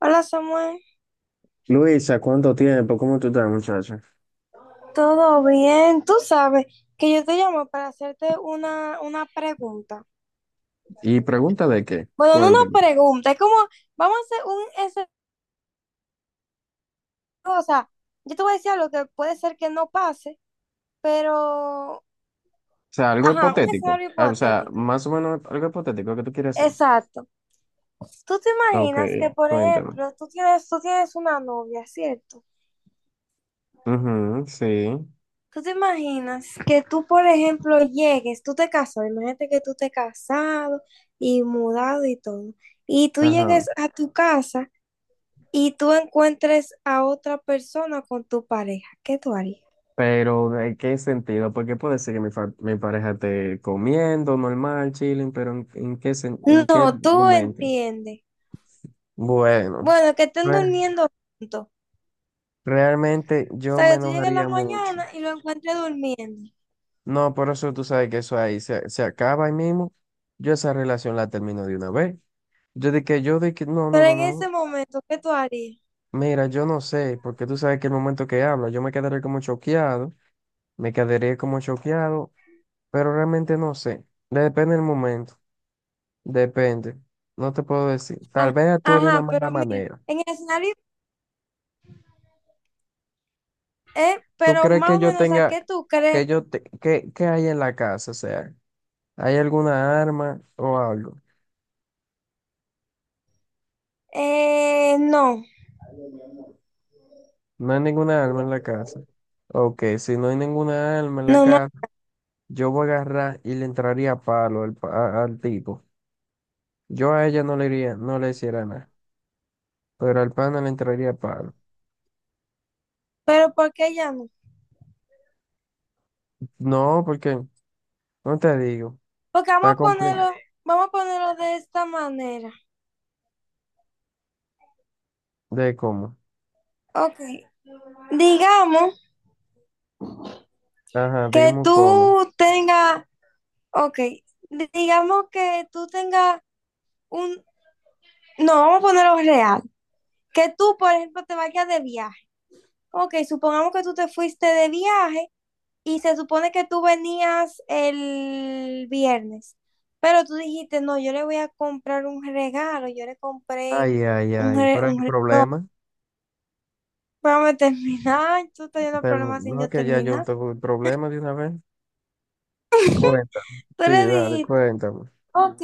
Hola Samuel, Luisa, ¿cuánto tiempo? ¿Cómo tú estás, muchacha? ¿todo bien? Tú sabes que yo te llamo para hacerte una pregunta. Y pregunta de qué, Bueno, no una cuéntame. O pregunta, es como, vamos a hacer un escenario, o sea, yo te voy a decir algo que puede ser que no pase, pero, sea, algo ajá, un hipotético. escenario Ah, o sea, hipotético. más o menos algo hipotético que tú quieres hacer. Exacto. Tú te Ok, imaginas que, por cuéntame. ejemplo, tú tienes una novia, ¿cierto? Ujú, sí. ¿Tú te imaginas que tú, por ejemplo, llegues, tú te casas, imagínate que tú te casado y mudado y todo, y tú Ajá. llegues a tu casa y tú encuentres a otra persona con tu pareja? ¿Qué tú harías? Pero, ¿de qué sentido? Porque puede ser que mi, mi pareja esté comiendo normal, chilling, pero en qué, en qué No, tú momento? entiendes. Bueno, Bueno, que estén re- durmiendo juntos. O realmente yo sea, me que tú llegues en la enojaría mucho. mañana y lo encuentres durmiendo. No, por eso tú sabes que eso ahí se, se acaba ahí mismo. Yo esa relación la termino de una vez. Yo de que, no, no, Pero no, en ese no. momento, ¿qué tú harías? Mira, yo no sé, porque tú sabes que el momento que habla, yo me quedaré como choqueado, me quedaré como choqueado, pero realmente no sé. Depende del momento, depende. No te puedo decir. Tal Ah, vez actúe de una ajá, mala pero mira, manera. en el escenario, ¿Tú pero crees más que o yo menos, ¿a tenga, qué tú que crees? yo, te, que hay en la casa? O sea, ¿hay alguna arma o algo? No. No hay ninguna alma en la casa. Ok, si no hay ninguna alma en la No, no, casa, yo voy a agarrar y le entraría a palo al, al tipo. Yo a ella no le iría, no le hiciera nada, pero al pana le entraría a palo. pero ¿por qué ya no? No, porque, no te digo, Porque está completo. Vamos a ponerlo de esta manera. ¿De cómo? Ok, digamos Ajá, que dime cómo. tú tengas, ok, digamos que tú tengas un, no, vamos a ponerlo real, que tú, por ejemplo, te vayas de viaje. Ok, supongamos que tú te fuiste de viaje y se supone que tú venías el viernes, pero tú dijiste, no, yo le voy a comprar un regalo, yo le compré Ay, ay, un, ay, pero hay un regalo. problema. Vamos a terminar. Tú estás yendo Pero problemas sin no, yo que ya yo terminar. tengo el problema de una vez. Cuenta. Tú Sí, le dale, dijiste, cuéntame. ok,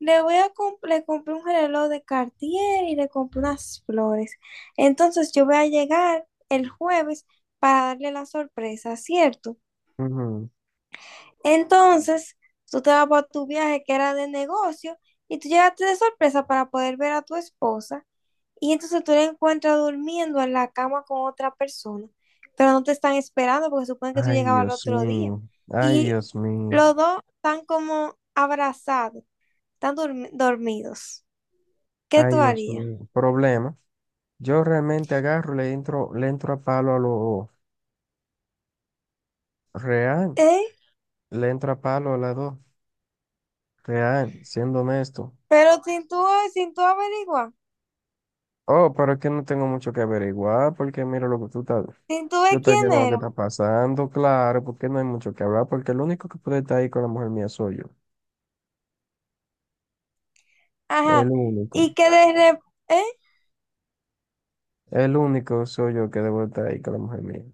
le compré un reloj de Cartier y le compré unas flores. Entonces yo voy a llegar el jueves para darle la sorpresa, ¿cierto? Ujú. Entonces tú te vas para tu viaje que era de negocio y tú llegaste de sorpresa para poder ver a tu esposa. Y entonces tú la encuentras durmiendo en la cama con otra persona, pero no te están esperando porque suponen que tú Ay, llegabas al Dios otro día. mío. Ay, Y Dios mío. los dos están como abrazados, están dormidos. ¿Qué Ay, tú Dios harías? mío. Problema. Yo realmente agarro, le entro a palo a lo real. ¿Eh? Le entro a palo a la dos. Real, siendo honesto. Pero sin tú, sin tú averiguar, Oh, pero es que no tengo mucho que averiguar, porque mira lo que tú estás. sin tú Yo ver estoy quién viendo lo que era. está pasando, claro, porque no hay mucho que hablar, porque el único que puede estar ahí con la mujer mía soy yo. El Ajá. único. Y que de repente, ¿eh? El único soy yo que debo estar ahí con la mujer mía.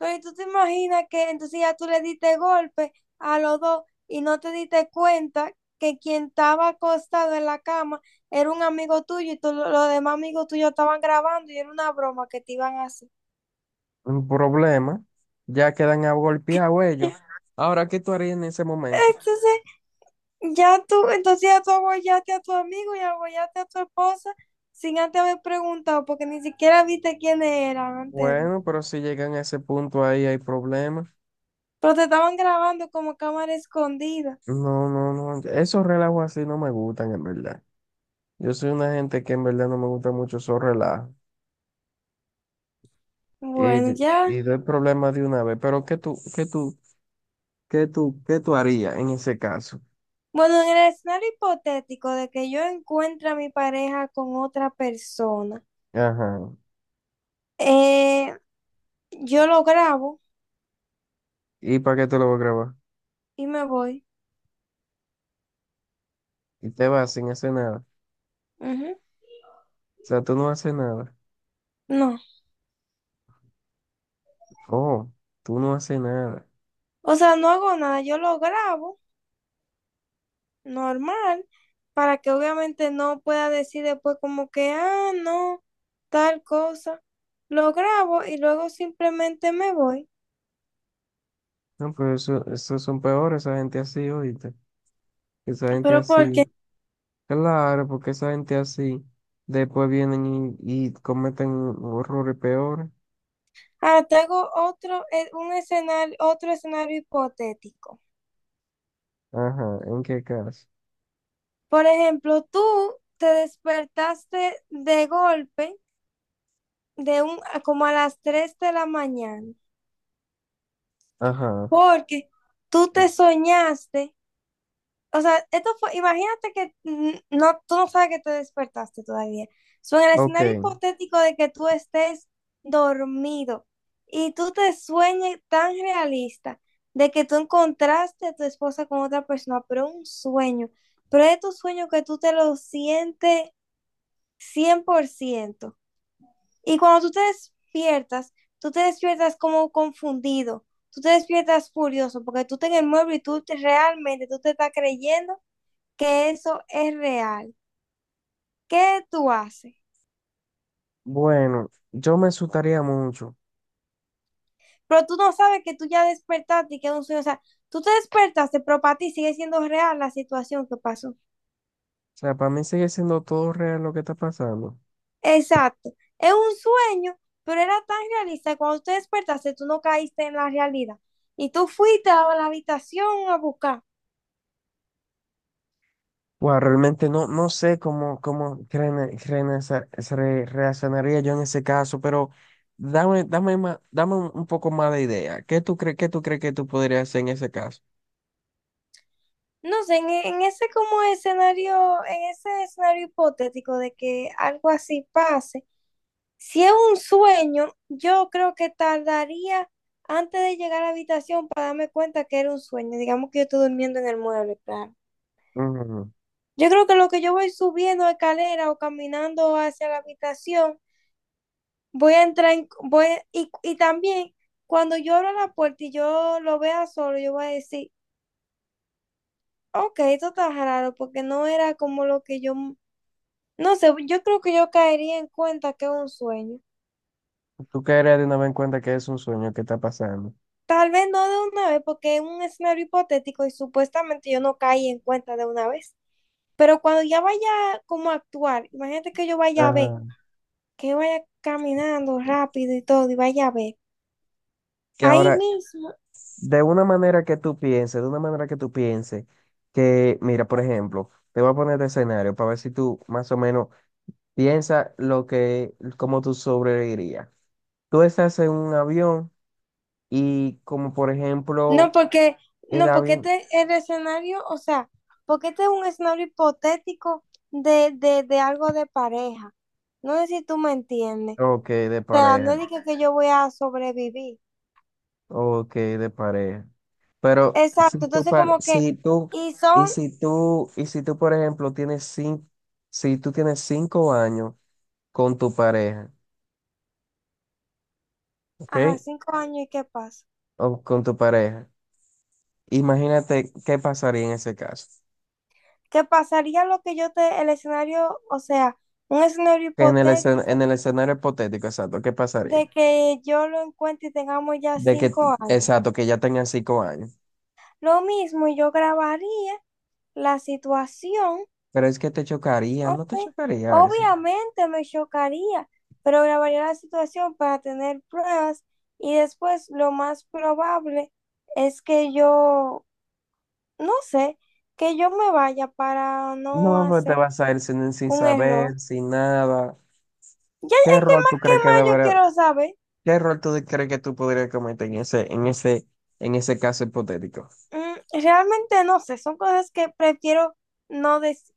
Entonces tú te imaginas que entonces ya tú le diste golpe a los dos y no te diste cuenta que quien estaba acostado en la cama era un amigo tuyo y los demás amigos tuyos estaban grabando y era una broma que te iban a hacer. Un problema. Ya quedan golpear ellos. Ahora, ¿qué tú harías en ese momento? Entonces entonces ya tú abollaste a tu amigo y abollaste a tu esposa sin antes haber preguntado porque ni siquiera viste quiénes eran antes de. Bueno, pero si llegan a ese punto ahí hay problemas. Pero te estaban grabando como cámara escondida. No, no, no. Esos relajos así no me gustan, en verdad. Yo soy una gente que en verdad no me gusta mucho esos relajos. Y, Bueno, ya. y doy problemas de una vez. Pero ¿qué tú harías en ese caso? Bueno, en el escenario hipotético de que yo encuentre a mi pareja con otra persona, Ajá. eh, yo lo grabo ¿Y para qué te lo voy a grabar? y me voy. Y te vas sin hacer nada. O Ujú. sea, tú no haces nada. No, Oh, tú no haces nada. o sea, no hago nada, yo lo grabo normal para que obviamente no pueda decir después como que, ah, no, tal cosa. Lo grabo y luego simplemente me voy. No, pero eso, esos son peores, esa gente así, oíste. Esa gente Pero así. porque, Claro, porque esa gente así después vienen y cometen horrores peores. ah, te hago otro, un escenario, otro escenario hipotético. Ajá, ¿en qué caso? Por ejemplo, tú te despertaste de golpe de un, como a las 3 de la mañana, Ajá, porque tú te soñaste, o sea, esto fue, imagínate que no, tú no sabes que te despertaste todavía. So, en el ok. escenario hipotético de que tú estés dormido y tú te sueñes tan realista de que tú encontraste a tu esposa con otra persona, pero un sueño, pero es tu sueño que tú te lo sientes 100%. Y cuando tú te despiertas como confundido, tú te despiertas furioso, porque tú estás en el mueble y realmente tú te estás creyendo que eso es real. ¿Qué tú haces? Bueno, yo me asustaría mucho. O Pero tú no sabes que tú ya despertaste y que es un sueño. O sea, tú te despertaste, pero para ti sigue siendo real la situación que pasó. sea, para mí sigue siendo todo real lo que está pasando. Exacto. Es un sueño, pero era tan realista que cuando tú te despertaste, tú no caíste en la realidad. Y tú fuiste a la habitación a buscar. Bueno, realmente no, no sé cómo, cómo creen- creen esa- se re- reaccionaría yo en ese caso, pero dame, dame un poco más de idea. ¿Qué tú crees que tú podrías hacer en ese caso? No sé, en ese como escenario, en ese escenario hipotético de que algo así pase, si es un sueño, yo creo que tardaría antes de llegar a la habitación para darme cuenta que era un sueño. Digamos que yo estoy durmiendo en el mueble, claro. Ujú. Yo creo que lo que yo voy subiendo escalera o caminando hacia la habitación, voy a entrar en, voy, y también cuando yo abra la puerta y yo lo vea solo, yo voy a decir, ok, esto está raro porque no era como lo que yo. No sé, yo creo que yo caería en cuenta que es un sueño. Tú caerías de una vez en cuenta que es un sueño que está pasando. Tal vez no de una vez, porque es un escenario hipotético y supuestamente yo no caí en cuenta de una vez. Pero cuando ya vaya como a actuar, imagínate que yo vaya a ver, Ajá. que yo vaya caminando rápido y todo, y vaya a ver. Que Ahí ahora, mismo. De una manera que tú pienses, que, mira, por ejemplo, te voy a poner de escenario para ver si tú más o menos piensas lo que, cómo tú sobrevivirías. Tú estás en un avión y como por No, ejemplo, porque, el no, porque avión, este es el escenario, o sea, porque este es un escenario hipotético de algo de pareja. No sé si tú me entiendes. ok, de O sea, pareja, no digo que yo voy a sobrevivir. ok, de pareja. Pero si Exacto, tú, entonces pa- como que, si tú, y y son, si tú, y si tú, por ejemplo, tienes cinco, si tú tienes 5 años con tu pareja, ajá, ¿ok? 5 años, ¿y qué pasa? O con tu pareja. Imagínate qué pasaría en ese caso. ¿Qué pasaría lo que yo te, el escenario, o sea, un escenario Que en el hipotético en el escenario hipotético, exacto, ¿qué pasaría? de que yo lo encuentre y tengamos ya De que, 5 años? exacto, que ya tengan 5 años. Lo mismo, yo grabaría la situación, Pero es que te chocaría, no te ok, chocaría eso. obviamente me chocaría, pero grabaría la situación para tener pruebas y después lo más probable es que yo no sé, que yo me vaya para no No, pues te hacer vas a ir sin, sin un error. saber, sin nada. Ya ¿Qué es rol tú que crees que más yo debería, quiero saber. qué rol tú crees que tú podrías cometer en ese, en ese, en ese caso hipotético? Mm, realmente no sé, son cosas que prefiero no decir.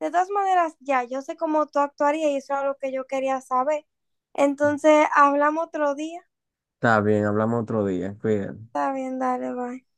De todas maneras, ya, yo sé cómo tú actuarías y eso era lo que yo quería saber. Entonces, hablamos otro día. Está bien, hablamos otro día, cuídate. Está bien, dale, bye.